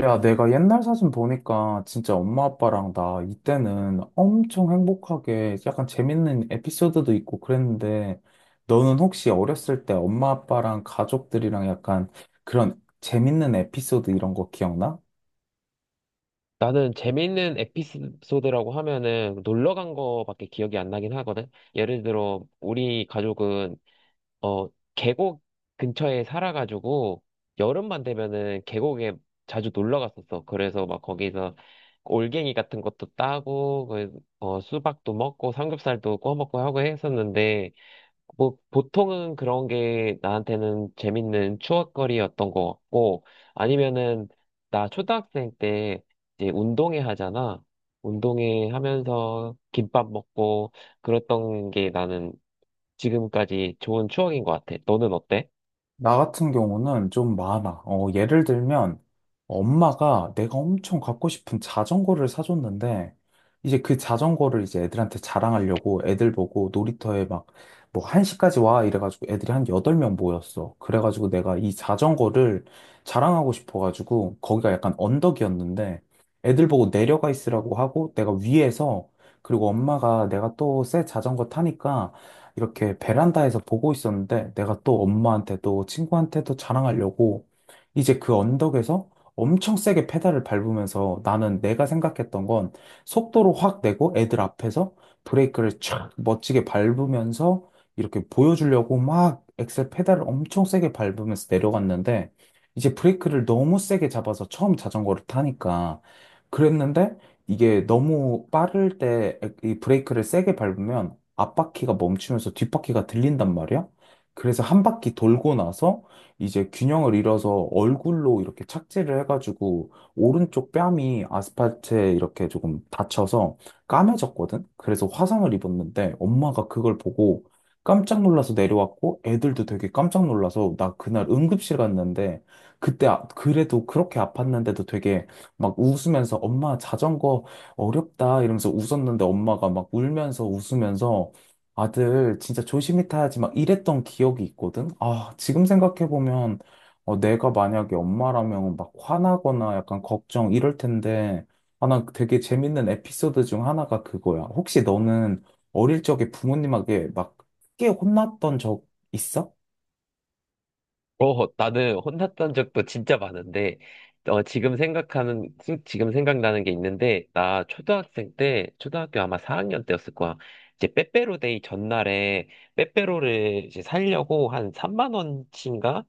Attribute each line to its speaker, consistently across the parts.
Speaker 1: 야, 내가 옛날 사진 보니까 진짜 엄마 아빠랑 나 이때는 엄청 행복하게 약간 재밌는 에피소드도 있고 그랬는데 너는 혹시 어렸을 때 엄마 아빠랑 가족들이랑 약간 그런 재밌는 에피소드 이런 거 기억나?
Speaker 2: 나는 재미있는 에피소드라고 하면은 놀러 간 거밖에 기억이 안 나긴 하거든. 예를 들어 우리 가족은 어 계곡 근처에 살아가지고 여름만 되면은 계곡에 자주 놀러 갔었어. 그래서 막 거기서 올갱이 같은 것도 따고 수박도 먹고 삼겹살도 구워 먹고 하고 했었는데 뭐, 보통은 그런 게 나한테는 재밌는 추억거리였던 것 같고, 아니면은, 나 초등학생 때 이제 운동회 하잖아. 운동회 하면서 김밥 먹고, 그랬던 게 나는 지금까지 좋은 추억인 것 같아. 너는 어때?
Speaker 1: 나 같은 경우는 좀 많아. 어, 예를 들면, 엄마가 내가 엄청 갖고 싶은 자전거를 사줬는데, 이제 그 자전거를 이제 애들한테 자랑하려고 애들 보고 놀이터에 막, 뭐, 1시까지 와. 이래가지고 애들이 한 8명 모였어. 그래가지고 내가 이 자전거를 자랑하고 싶어가지고, 거기가 약간 언덕이었는데, 애들 보고 내려가 있으라고 하고, 내가 위에서, 그리고 엄마가 내가 또 새 자전거 타니까, 이렇게 베란다에서 보고 있었는데 내가 또 엄마한테도 친구한테도 자랑하려고 이제 그 언덕에서 엄청 세게 페달을 밟으면서 나는 내가 생각했던 건 속도로 확 내고 애들 앞에서 브레이크를 촥 멋지게 밟으면서 이렇게 보여주려고 막 엑셀 페달을 엄청 세게 밟으면서 내려갔는데 이제 브레이크를 너무 세게 잡아서 처음 자전거를 타니까 그랬는데 이게 너무 빠를 때 이 브레이크를 세게 밟으면 앞바퀴가 멈추면서 뒷바퀴가 들린단 말이야. 그래서 한 바퀴 돌고 나서 이제 균형을 잃어서 얼굴로 이렇게 착지를 해가지고 오른쪽 뺨이 아스팔트에 이렇게 조금 다쳐서 까매졌거든. 그래서 화상을 입었는데 엄마가 그걸 보고 깜짝 놀라서 내려왔고 애들도 되게 깜짝 놀라서 나 그날 응급실 갔는데 그때 그래도 그렇게 아팠는데도 되게 막 웃으면서 엄마 자전거 어렵다 이러면서 웃었는데 엄마가 막 울면서 웃으면서 아들 진짜 조심히 타야지 막 이랬던 기억이 있거든. 아, 지금 생각해보면 어, 내가 만약에 엄마라면 막 화나거나 약간 걱정 이럴 텐데 아, 난 되게 재밌는 에피소드 중 하나가 그거야. 혹시 너는 어릴 적에 부모님에게 막 크게 혼났던 적 있어?
Speaker 2: 나는 혼났던 적도 진짜 많은데, 지금 생각나는 게 있는데, 나 초등학생 때, 초등학교 아마 4학년 때였을 거야. 이제 빼빼로데이 전날에 빼빼로를 이제 살려고 한 3만 원치인가?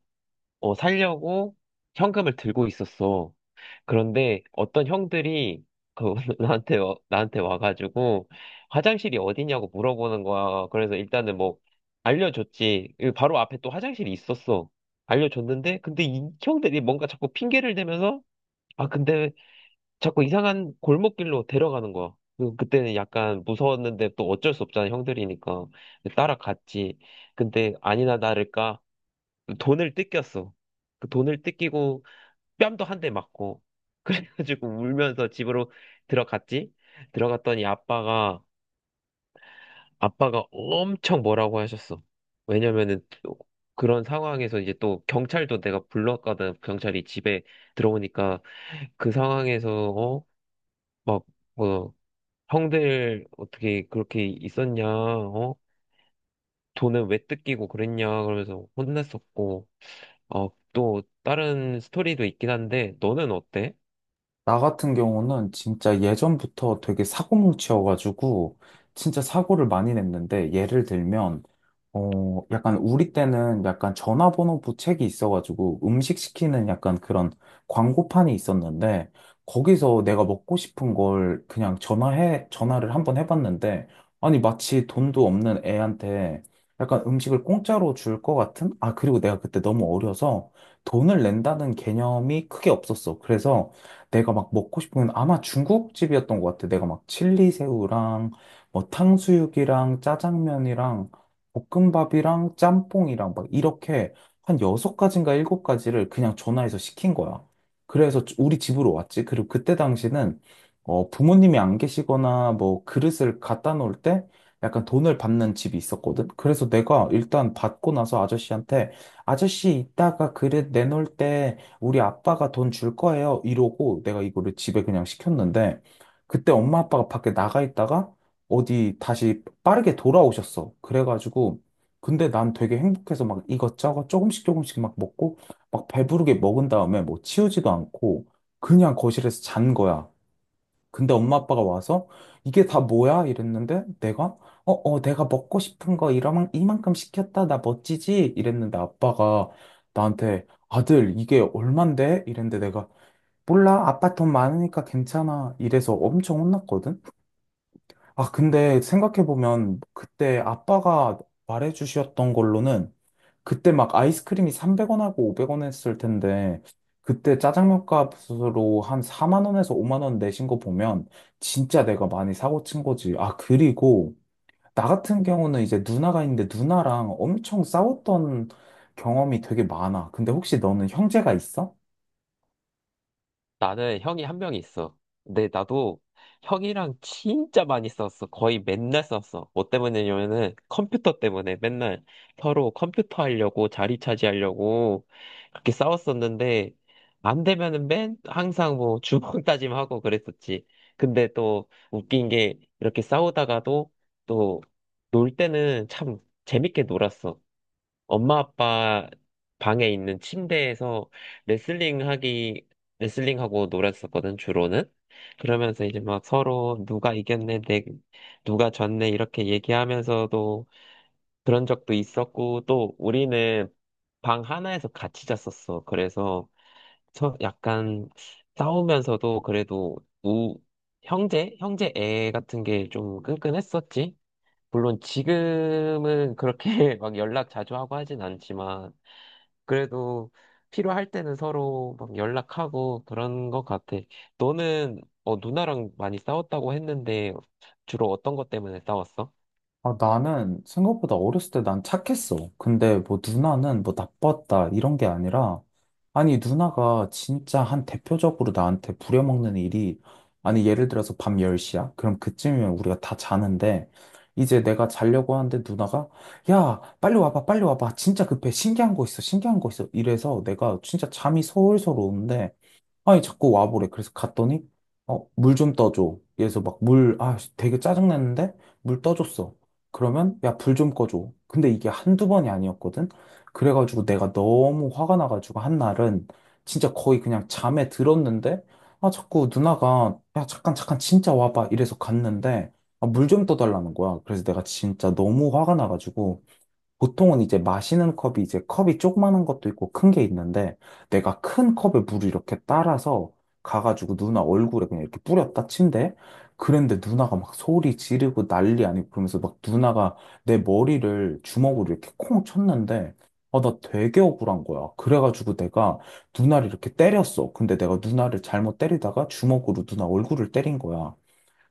Speaker 2: 살려고 현금을 들고 있었어. 그런데 어떤 형들이 그 나한테 와가지고 화장실이 어디냐고 물어보는 거야. 그래서 일단은 뭐 알려줬지. 이 바로 앞에 또 화장실이 있었어. 알려줬는데 근데 이 형들이 뭔가 자꾸 핑계를 대면서 근데 자꾸 이상한 골목길로 데려가는 거야. 그때는 약간 무서웠는데 또 어쩔 수 없잖아 형들이니까 따라갔지. 근데 아니나 다를까 돈을 뜯겼어. 그 돈을 뜯기고 뺨도 한 대 맞고 그래가지고 울면서 집으로 들어갔지. 들어갔더니 아빠가 엄청 뭐라고 하셨어. 왜냐면은 또 그런 상황에서 이제 또 경찰도 내가 불렀거든. 경찰이 집에 들어오니까 그 상황에서 어? 막 뭐, 형들 어떻게 그렇게 있었냐? 어? 돈은 왜 뜯기고 그랬냐? 그러면서 혼냈었고. 또 다른 스토리도 있긴 한데 너는 어때?
Speaker 1: 나 같은 경우는 진짜 예전부터 되게 사고뭉치여가지고 진짜 사고를 많이 냈는데 예를 들면 어, 약간 우리 때는 약간 전화번호 부책이 있어가지고 음식 시키는 약간 그런 광고판이 있었는데 거기서 내가 먹고 싶은 걸 그냥 전화를 한번 해봤는데 아니 마치 돈도 없는 애한테 약간 음식을 공짜로 줄 것 같은? 아, 그리고 내가 그때 너무 어려서 돈을 낸다는 개념이 크게 없었어. 그래서 내가 막 먹고 싶은 건 아마 중국집이었던 것 같아. 내가 막 칠리새우랑 뭐 탕수육이랑 짜장면이랑 볶음밥이랑 짬뽕이랑 막 이렇게 한 여섯 가지인가 일곱 가지를 그냥 전화해서 시킨 거야. 그래서 우리 집으로 왔지. 그리고 그때 당시는 어, 부모님이 안 계시거나 뭐 그릇을 갖다 놓을 때 약간 돈을 받는 집이 있었거든. 그래서 내가 일단 받고 나서 아저씨한테 아저씨 이따가 그릇 내놓을 때 우리 아빠가 돈 줄 거예요. 이러고 내가 이거를 집에 그냥 시켰는데 그때 엄마 아빠가 밖에 나가 있다가 어디 다시 빠르게 돌아오셨어. 그래가지고, 근데 난 되게 행복해서 막 이것저것 조금씩 조금씩 막 먹고, 막 배부르게 먹은 다음에 뭐 치우지도 않고, 그냥 거실에서 잔 거야. 근데 엄마 아빠가 와서, 이게 다 뭐야? 이랬는데, 내가, 어, 어, 내가 먹고 싶은 거 이만큼 시켰다. 나 멋지지? 이랬는데 아빠가 나한테, 아들, 이게 얼만데? 이랬는데 내가, 몰라. 아빠 돈 많으니까 괜찮아. 이래서 엄청 혼났거든? 아, 근데 생각해보면 그때 아빠가 말해주셨던 걸로는 그때 막 아이스크림이 300원하고 500원 했을 텐데 그때 짜장면 값으로 한 4만 원에서 5만 원 내신 거 보면 진짜 내가 많이 사고 친 거지. 아, 그리고 나 같은 경우는 이제 누나가 있는데 누나랑 엄청 싸웠던 경험이 되게 많아. 근데 혹시 너는 형제가 있어?
Speaker 2: 나는 형이 한 명 있어. 근데 나도 형이랑 진짜 많이 썼어. 거의 맨날 썼어. 뭐 때문이냐면은 컴퓨터 때문에 맨날 서로 컴퓨터 하려고 자리 차지하려고 그렇게 싸웠었는데 안 되면은 맨 항상 뭐 주먹 다짐하고 그랬었지. 근데 또 웃긴 게 이렇게 싸우다가도 또 놀 때는 참 재밌게 놀았어. 엄마 아빠 방에 있는 침대에서 레슬링 하기, 레슬링 하고 놀았었거든, 주로는. 그러면서 이제 막 서로 누가 이겼네, 내, 누가 졌네, 이렇게 얘기하면서도 그런 적도 있었고, 또 우리는 방 하나에서 같이 잤었어. 그래서 서- 약간 싸우면서도 그래도 우, 형제? 형제 애 같은 게 좀 끈끈했었지. 물론 지금은 그렇게 막 연락 자주 하고 하진 않지만, 그래도 필요할 때는 서로 막 연락하고 그런 것 같아. 너는 누나랑 많이 싸웠다고 했는데 주로 어떤 것 때문에 싸웠어?
Speaker 1: 아, 나는 생각보다 어렸을 때 난 착했어. 근데 뭐 누나는 뭐 나빴다 이런 게 아니라 아니 누나가 진짜 한 대표적으로 나한테 부려먹는 일이 아니 예를 들어서 밤 10시야? 그럼 그쯤이면 우리가 다 자는데 이제 내가 자려고 하는데 누나가 야 빨리 와봐 빨리 와봐 진짜 급해 신기한 거 있어 신기한 거 있어 이래서 내가 진짜 잠이 솔솔 오는데 아니, 자꾸 와보래. 그래서 갔더니, 어, 물 좀 떠줘. 그래서 막 물, 아, 되게 짜증났는데, 물 떠줬어. 그러면, 야, 불 좀 꺼줘. 근데 이게 한두 번이 아니었거든? 그래가지고 내가 너무 화가 나가지고 한 날은 진짜 거의 그냥 잠에 들었는데, 아, 자꾸 누나가, 야, 잠깐, 잠깐, 진짜 와봐. 이래서 갔는데, 아, 물좀 떠달라는 거야. 그래서 내가 진짜 너무 화가 나가지고, 보통은 이제 마시는 컵이 이제 컵이 조그마한 것도 있고 큰 게 있는데 내가 큰 컵에 물을 이렇게 따라서 가가지고 누나 얼굴에 그냥 이렇게 뿌렸다 친대. 그런데 누나가 막 소리 지르고 난리 아니고 그러면서 막 누나가 내 머리를 주먹으로 이렇게 콩 쳤는데 아, 나 되게 억울한 거야. 그래가지고 내가 누나를 이렇게 때렸어. 근데 내가 누나를 잘못 때리다가 주먹으로 누나 얼굴을 때린 거야.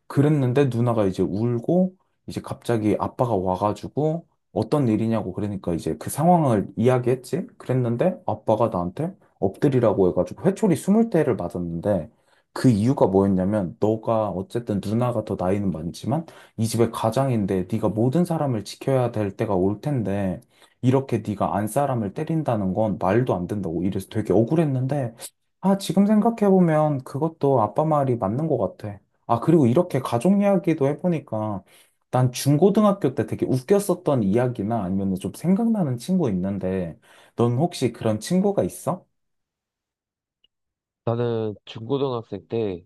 Speaker 1: 그랬는데 누나가 이제 울고 이제 갑자기 아빠가 와가지고 어떤 일이냐고 그러니까 이제 그 상황을 이야기했지? 그랬는데 아빠가 나한테 엎드리라고 해가지고 회초리 20대를 맞았는데 그 이유가 뭐였냐면 너가 어쨌든 누나가 더 나이는 많지만 이 집의 가장인데 네가 모든 사람을 지켜야 될 때가 올 텐데 이렇게 네가 안 사람을 때린다는 건 말도 안 된다고 이래서 되게 억울했는데 아 지금 생각해보면 그것도 아빠 말이 맞는 것 같아. 아, 그리고 이렇게 가족 이야기도 해보니까 난 중고등학교 때 되게 웃겼었던 이야기나 아니면 좀 생각나는 친구 있는데 넌 혹시 그런 친구가 있어?
Speaker 2: 나는 중고등학생 때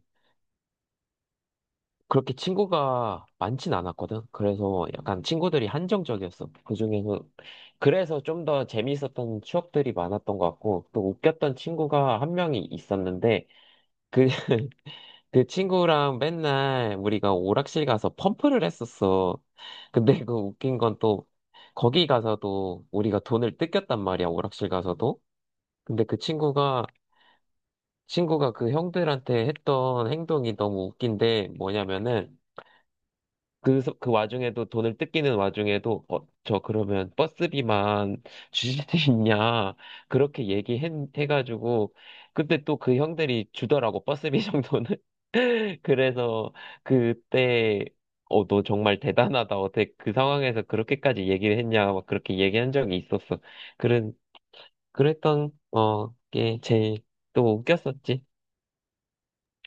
Speaker 2: 그렇게 친구가 많진 않았거든. 그래서 약간 친구들이 한정적이었어. 그중에서 그래서 좀 더 재미있었던 추억들이 많았던 것 같고 또 웃겼던 친구가 한 명이 있었는데 그 그 친구랑 맨날 우리가 오락실 가서 펌프를 했었어. 근데 그 웃긴 건 또 거기 가서도 우리가 돈을 뜯겼단 말이야, 오락실 가서도. 근데 그 친구가 그 형들한테 했던 행동이 너무 웃긴데 뭐냐면은 그 와중에도 돈을 뜯기는 와중에도 어, 저 그러면 버스비만 주실 수 있냐 그렇게 얘기해 해가지고 근데 또 그 형들이 주더라고 버스비 정도는. 그래서 그때 너 정말 대단하다. 어떻게 그 상황에서 그렇게까지 얘기를 했냐 막 그렇게 얘기한 적이 있었어. 그런 그랬던 어게 제일 또 웃겼었지.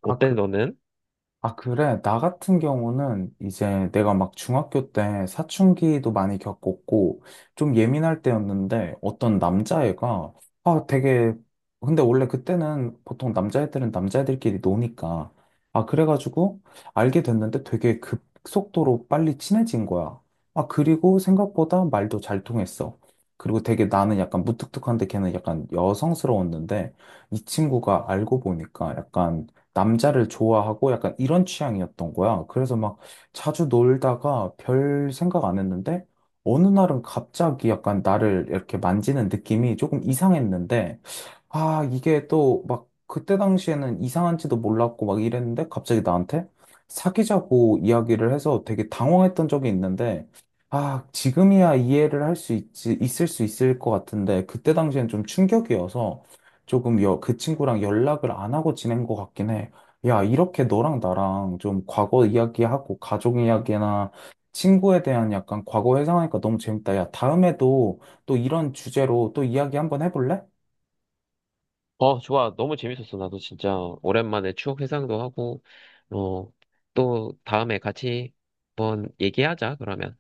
Speaker 1: 아,
Speaker 2: 어때
Speaker 1: 그
Speaker 2: 너는?
Speaker 1: 아, 그래. 나 같은 경우는 이제 내가 막 중학교 때 사춘기도 많이 겪었고 좀 예민할 때였는데 어떤 남자애가 아, 되게 근데 원래 그때는 보통 남자애들은 남자애들끼리 노니까 아, 그래가지고 알게 됐는데 되게 급속도로 빨리 친해진 거야. 아, 그리고 생각보다 말도 잘 통했어. 그리고 되게 나는 약간 무뚝뚝한데 걔는 약간 여성스러웠는데 이 친구가 알고 보니까 약간 남자를 좋아하고 약간 이런 취향이었던 거야. 그래서 막 자주 놀다가 별 생각 안 했는데 어느 날은 갑자기 약간 나를 이렇게 만지는 느낌이 조금 이상했는데 아, 이게 또 막 그때 당시에는 이상한지도 몰랐고 막 이랬는데 갑자기 나한테 사귀자고 이야기를 해서 되게 당황했던 적이 있는데 아, 지금이야 이해를 할 수 있을 수 있을 것 같은데 그때 당시엔 좀 충격이어서 조금 그 친구랑 연락을 안 하고 지낸 것 같긴 해. 야, 이렇게 너랑 나랑 좀 과거 이야기하고 가족 이야기나 친구에 대한 약간 과거 회상하니까 너무 재밌다. 야, 다음에도 또 이런 주제로 또 이야기 한번 해볼래?
Speaker 2: 좋아. 너무 재밌었어. 나도 진짜 오랜만에 추억 회상도 하고, 어, 또 다음에 같이 한번 얘기하자, 그러면.